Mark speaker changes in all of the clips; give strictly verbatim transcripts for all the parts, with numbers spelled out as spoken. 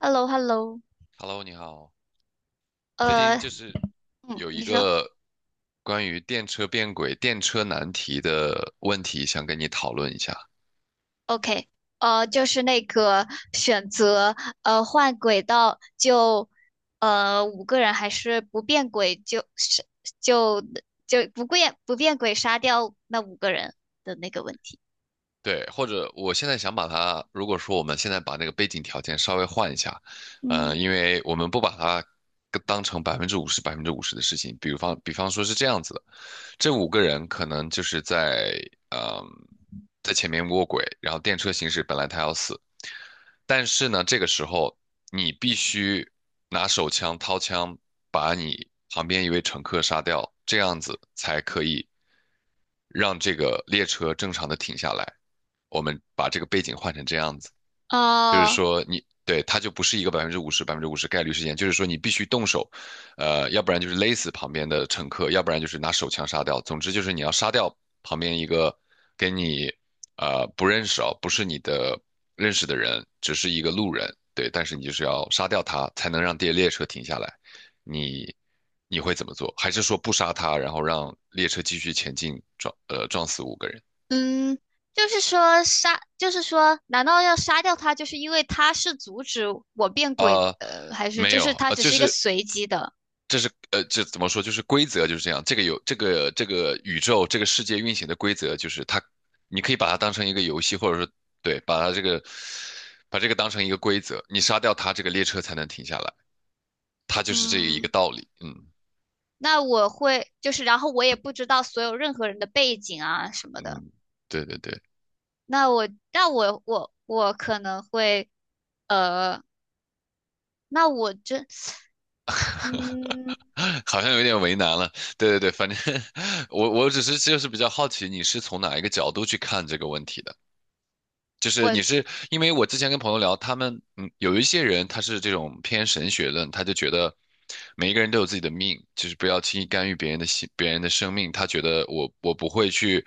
Speaker 1: h e l l o h e l l o。
Speaker 2: Hello，你好。最
Speaker 1: 呃，
Speaker 2: 近就是
Speaker 1: 嗯，
Speaker 2: 有一
Speaker 1: 你说
Speaker 2: 个关于电车变轨、电车难题的问题，想跟你讨论一下。
Speaker 1: ，OK。呃，就是那个选择，呃，换轨道就，呃，五个人，还是不变轨，就是就就不变不变轨杀掉那五个人的那个问题。
Speaker 2: 对，或者我现在想把它，如果说我们现在把那个背景条件稍微换一下，呃，
Speaker 1: 嗯。
Speaker 2: 因为我们不把它跟当成百分之五十、百分之五十的事情，比方比方说是这样子的，这五个人可能就是在嗯、在前面卧轨，然后电车行驶本来他要死，但是呢，这个时候你必须拿手枪掏枪把你旁边一位乘客杀掉，这样子才可以让这个列车正常的停下来。我们把这个背景换成这样子。就是
Speaker 1: 哦。
Speaker 2: 说你对它就不是一个百分之五十百分之五十概率事件，就是说你必须动手，呃，要不然就是勒死旁边的乘客，要不然就是拿手枪杀掉。总之就是你要杀掉旁边一个跟你呃不认识哦，不是你的认识的人，只是一个路人，对，但是你就是要杀掉他，才能让列列车停下来。你你会怎么做？还是说不杀他，然后让列车继续前进，撞呃撞死五个人？
Speaker 1: 嗯。就是说杀，就是说，难道要杀掉他，就是因为他是阻止我变轨，
Speaker 2: 呃，
Speaker 1: 呃，还是
Speaker 2: 没
Speaker 1: 就
Speaker 2: 有，
Speaker 1: 是他
Speaker 2: 呃，
Speaker 1: 只
Speaker 2: 就
Speaker 1: 是一个
Speaker 2: 是
Speaker 1: 随机的？
Speaker 2: 这是呃，这怎么说？就是规则就是这样。这个有这个这个宇宙这个世界运行的规则，就是它，你可以把它当成一个游戏，或者说对，把它这个把这个当成一个规则。你杀掉它，这个列车才能停下来。它就是这一个
Speaker 1: 嗯。
Speaker 2: 道理。嗯
Speaker 1: 那我会，就是，然后我也不知道所有任何人的背景啊什么的。
Speaker 2: 嗯，对对对，
Speaker 1: 那我那我我我可能会呃，那我这嗯。
Speaker 2: 好像有点为难了。对对对，反正 我我只是就是比较好奇，你是从哪一个角度去看这个问题的？就是
Speaker 1: 我。
Speaker 2: 你是因为我之前跟朋友聊，他们嗯有一些人他是这种偏神学论，他就觉得每一个人都有自己的命，就是不要轻易干预别人的心，别人的生命。他觉得我我不会去。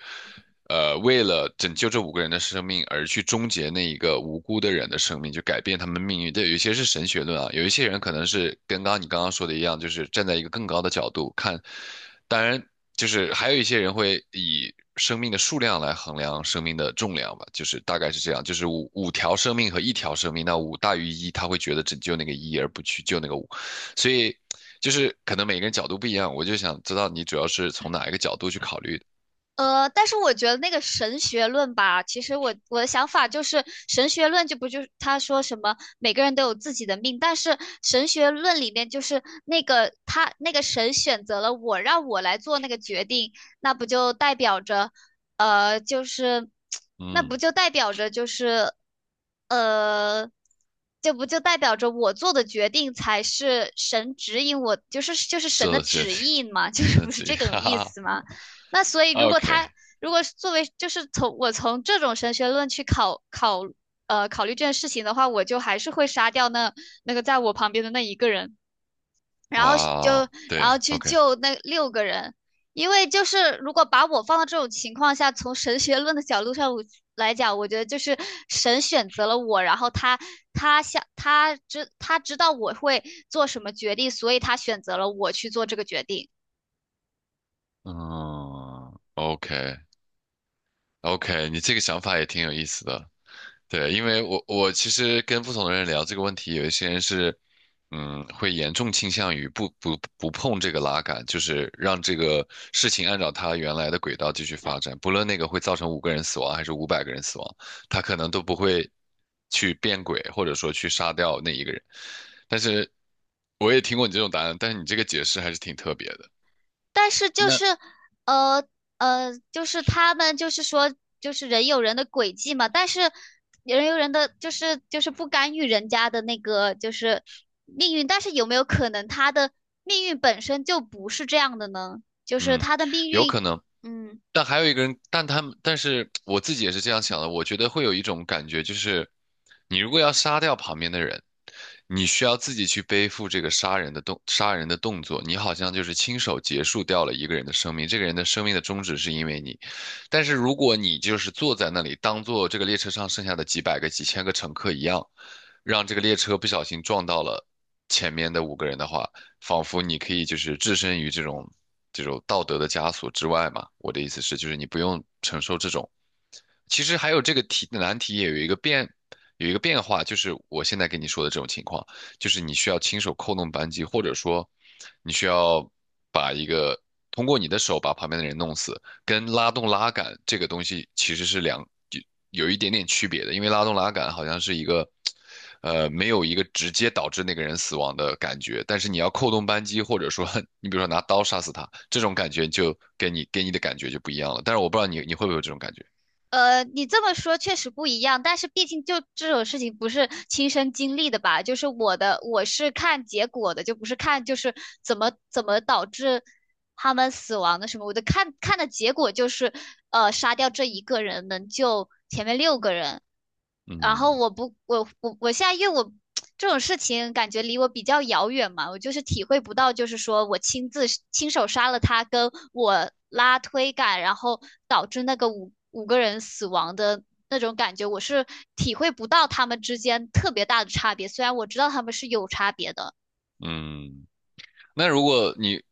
Speaker 2: 呃，为了拯救这五个人的生命而去终结那一个无辜的人的生命，就改变他们命运。对，有一些是神学论啊，有一些人可能是跟刚刚你刚刚说的一样，就是站在一个更高的角度看。当然，就是还有一些人会以生命的数量来衡量生命的重量吧，就是大概是这样，就是五五条生命和一条生命，那五大于一，他会觉得拯救那个一而不去救那个五，所以就是可能每个人角度不一样，我就想知道你主要是从哪一个角度去考虑的。
Speaker 1: 呃，但是我觉得那个神学论吧，其实我我的想法就是，神学论就不就是他说什么每个人都有自己的命，但是神学论里面就是那个他那个神选择了我，让我来做那个决定，那不就代表着，呃，就是那
Speaker 2: 嗯
Speaker 1: 不就代表着就是呃，这不就代表着我做的决定才是神指引我，就是就是神
Speaker 2: 做
Speaker 1: 的
Speaker 2: 的决
Speaker 1: 旨
Speaker 2: 定，
Speaker 1: 意嘛，就
Speaker 2: 选
Speaker 1: 是
Speaker 2: 择
Speaker 1: 不是
Speaker 2: 题，
Speaker 1: 这 种
Speaker 2: 哈哈
Speaker 1: 意
Speaker 2: 哈。
Speaker 1: 思吗？那所以，如果
Speaker 2: OK，
Speaker 1: 他如果作为就是从我从这种神学论去考考呃考虑这件事情的话，我就还是会杀掉那那个在我旁边的那一个人，然后就
Speaker 2: 哇，
Speaker 1: 然
Speaker 2: 对
Speaker 1: 后去
Speaker 2: ，OK，
Speaker 1: 救那六个人，因为就是如果把我放到这种情况下，从神学论的角度上来讲，我觉得就是神选择了我，然后他他想他知他知道我会做什么决定，所以他选择了我去做这个决定。
Speaker 2: 嗯，OK，OK，你这个想法也挺有意思的。对，因为我我其实跟不同的人聊这个问题，有一些人是嗯，会严重倾向于不不不碰这个拉杆，就是让这个事情按照它原来的轨道继续发展，不论那个会造成五个人死亡还是五百个人死亡，他可能都不会去变轨，或者说去杀掉那一个人。但是我也听过你这种答案，但是你这个解释还是挺特别的。
Speaker 1: 但是就
Speaker 2: 那
Speaker 1: 是，呃呃，就是他们就是说，就是人有人的轨迹嘛，但是人有人的就是就是不干预人家的那个就是命运，但是有没有可能他的命运本身就不是这样的呢？就是
Speaker 2: 嗯，
Speaker 1: 他的命
Speaker 2: 有
Speaker 1: 运。
Speaker 2: 可能。
Speaker 1: 嗯。
Speaker 2: 但还有一个人，但他们，但是我自己也是这样想的。我觉得会有一种感觉，就是你如果要杀掉旁边的人，你需要自己去背负这个杀人的动杀人的动作，你好像就是亲手结束掉了一个人的生命。这个人的生命的终止是因为你，但是如果你就是坐在那里，当做这个列车上剩下的几百个、几千个乘客一样，让这个列车不小心撞到了。前面的五个人的话，仿佛你可以就是置身于这种这种道德的枷锁之外嘛。我的意思是，就是你不用承受这种其实还有这个题的难题也有一个变，有一个变化，就是我现在跟你说的这种情况，就是你需要亲手扣动扳机，或者说你需要把一个通过你的手把旁边的人弄死，跟拉动拉杆这个东西其实是两有有一点点区别的，因为拉动拉杆好像是一个呃没有一个直接导致那个人死亡的感觉，但是你要扣动扳机，或者说 你比如说拿刀杀死他，这种感觉就给你给你的感觉就不一样了。但是我不知道你你会不会有这种感觉，
Speaker 1: 呃，你这么说确实不一样，但是毕竟就这种事情不是亲身经历的吧？就是我的，我是看结果的，就不是看就是怎么怎么导致他们死亡的什么。我的看看的结果就是，呃，杀掉这一个人能救前面六个人。然后
Speaker 2: 嗯。
Speaker 1: 我不，我我我现在因为我这种事情感觉离我比较遥远嘛，我就是体会不到，就是说我亲自亲手杀了他，跟我拉推杆，然后导致那个五五个人死亡的那种感觉，我是体会不到他们之间特别大的差别，虽然我知道他们是有差别的。
Speaker 2: 嗯，那如果你，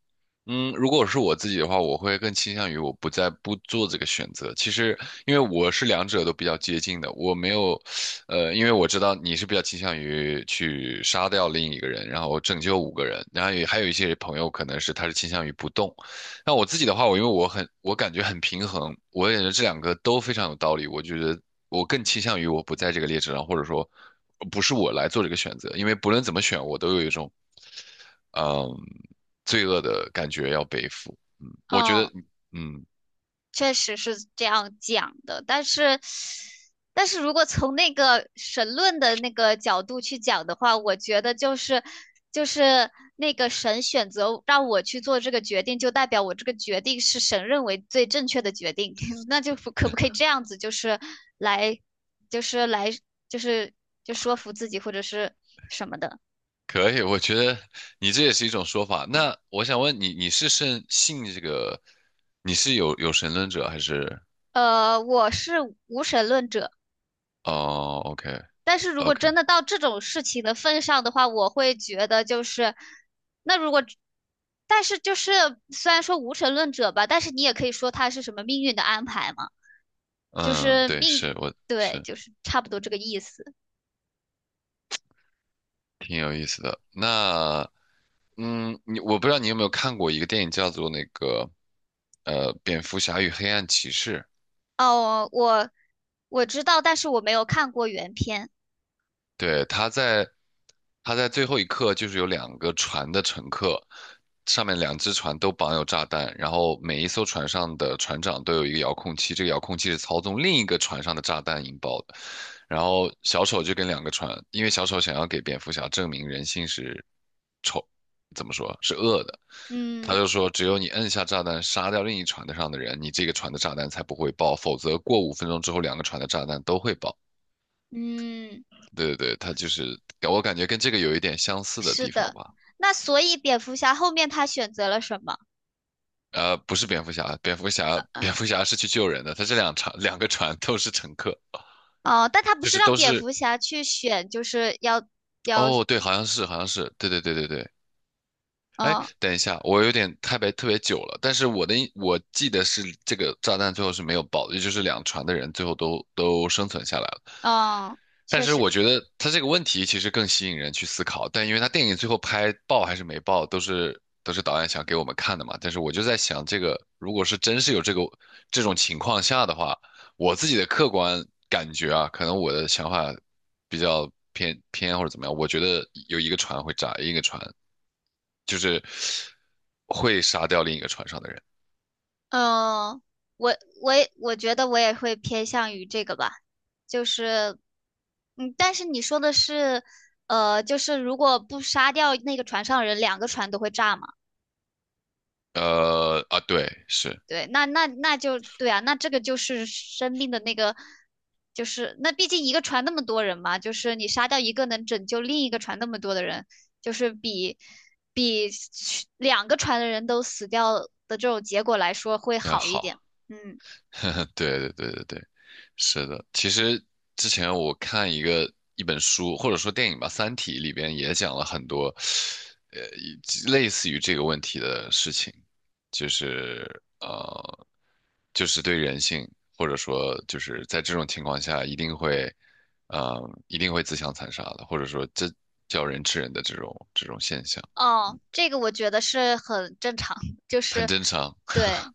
Speaker 2: 嗯，如果是我自己的话，我会更倾向于我不再不做这个选择。其实，因为我是两者都比较接近的，我没有，呃，因为我知道你是比较倾向于去杀掉另一个人，然后拯救五个人，然后也还有一些朋友可能是他是倾向于不动。那我自己的话，我因为我很，我感觉很平衡，我也觉得这两个都非常有道理。我觉得我更倾向于我不在这个列车上，或者说不是我来做这个选择，因为不论怎么选，我都有一种嗯，罪恶的感觉要背负。嗯，我觉
Speaker 1: 嗯。
Speaker 2: 得，嗯，
Speaker 1: 确实是这样讲的，但是，但是如果从那个神论的那个角度去讲的话，我觉得就是就是那个神选择让我去做这个决定，就代表我这个决定是神认为最正确的决定，那就可不可以这样子，就是来就是来就是就说服自己或者是什么的。
Speaker 2: 可以，我觉得你这也是一种说法。那我想问你，你是信信这个，你是有有神论者还是？
Speaker 1: 呃，我是无神论者。
Speaker 2: 哦，OK
Speaker 1: 但是如果
Speaker 2: OK，
Speaker 1: 真的到这种事情的份上的话，我会觉得就是，那如果，但是就是虽然说无神论者吧，但是你也可以说他是什么命运的安排嘛，就
Speaker 2: 嗯，
Speaker 1: 是
Speaker 2: 对，
Speaker 1: 命
Speaker 2: 是
Speaker 1: 运。
Speaker 2: 我
Speaker 1: 对，
Speaker 2: 是
Speaker 1: 就是差不多这个意思。
Speaker 2: 挺有意思的。那嗯，你我不知道你有没有看过一个电影叫做那个呃《蝙蝠侠与黑暗骑士》。
Speaker 1: 哦，我我知道，但是我没有看过原片。
Speaker 2: 对，他在他在最后一刻就是有两个船的乘客，上面两只船都绑有炸弹，然后每一艘船上的船长都有一个遥控器，这个遥控器是操纵另一个船上的炸弹引爆的。然后小丑就跟两个船，因为小丑想要给蝙蝠侠证明人性是丑，怎么说是恶的，他
Speaker 1: 嗯。
Speaker 2: 就说只有你摁下炸弹杀掉另一船的上的人，你这个船的炸弹才不会爆，否则过五分钟之后两个船的炸弹都会爆。
Speaker 1: 嗯。
Speaker 2: 对对对，它就是我感觉跟这个有一点相似的
Speaker 1: 是
Speaker 2: 地方
Speaker 1: 的。
Speaker 2: 吧。
Speaker 1: 那所以蝙蝠侠后面他选择了什么？
Speaker 2: 呃，不是蝙蝠侠，蝙蝠侠蝙
Speaker 1: 呃
Speaker 2: 蝠侠是去救人的，他这两船两个船都是乘客，
Speaker 1: 哦，但他不
Speaker 2: 就
Speaker 1: 是
Speaker 2: 是
Speaker 1: 让
Speaker 2: 都
Speaker 1: 蝙
Speaker 2: 是
Speaker 1: 蝠侠去选，就是要要。
Speaker 2: 哦，对，好像是好像是，对对对对对。哎，
Speaker 1: 哦。
Speaker 2: 等一下，我有点太别特别久了，但是我的印我记得是这个炸弹最后是没有爆的，也就是两船的人最后都都生存下来了。
Speaker 1: 嗯。
Speaker 2: 但
Speaker 1: 确
Speaker 2: 是
Speaker 1: 实。
Speaker 2: 我觉得他这个问题其实更吸引人去思考，但因为他电影最后拍爆还是没爆，都是都是导演想给我们看的嘛。但是我就在想，这个如果是真是有这个这种情况下的话，我自己的客观感觉啊，可能我的想法比较偏偏或者怎么样，我觉得有一个船会炸，一个船就是会杀掉另一个船上的人。
Speaker 1: 嗯，我我也我觉得我也会偏向于这个吧，就是，嗯，但是你说的是，呃，就是如果不杀掉那个船上人，两个船都会炸嘛？
Speaker 2: 呃啊，对，是，
Speaker 1: 对，那那那就对啊，那这个就是生命的那个，就是那毕竟一个船那么多人嘛，就是你杀掉一个能拯救另一个船那么多的人，就是比比两个船的人都死掉的这种结果来说会
Speaker 2: 嗯，
Speaker 1: 好一点。
Speaker 2: 好，
Speaker 1: 嗯。
Speaker 2: 对对对对对。是的，其实之前我看一个一本书，或者说电影吧，《三体》里边也讲了很多，呃，以类似于这个问题的事情，就是呃，就是对人性，或者说就是在这种情况下，一定会，嗯，一定会自相残杀的，或者说这叫人吃人的这种这种现象，
Speaker 1: 哦，这个我觉得是很正常，就
Speaker 2: 很
Speaker 1: 是
Speaker 2: 正常。
Speaker 1: 对。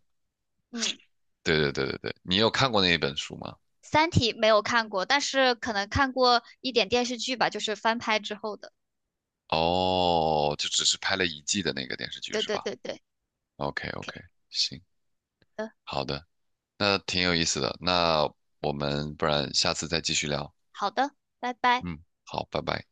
Speaker 1: 嗯，
Speaker 2: 对对对对对，你有看过那一本书吗？
Speaker 1: 《三体》没有看过，但是可能看过一点电视剧吧，就是翻拍之后的。
Speaker 2: 哦，就只是拍了一季的那个电视剧
Speaker 1: 对
Speaker 2: 是
Speaker 1: 对
Speaker 2: 吧？
Speaker 1: 对对
Speaker 2: OK
Speaker 1: ，OK
Speaker 2: OK，行，
Speaker 1: 的，
Speaker 2: 好的，那挺有意思的，那我们不然下次再继续聊。
Speaker 1: 好的，拜拜。
Speaker 2: 嗯，好，拜拜。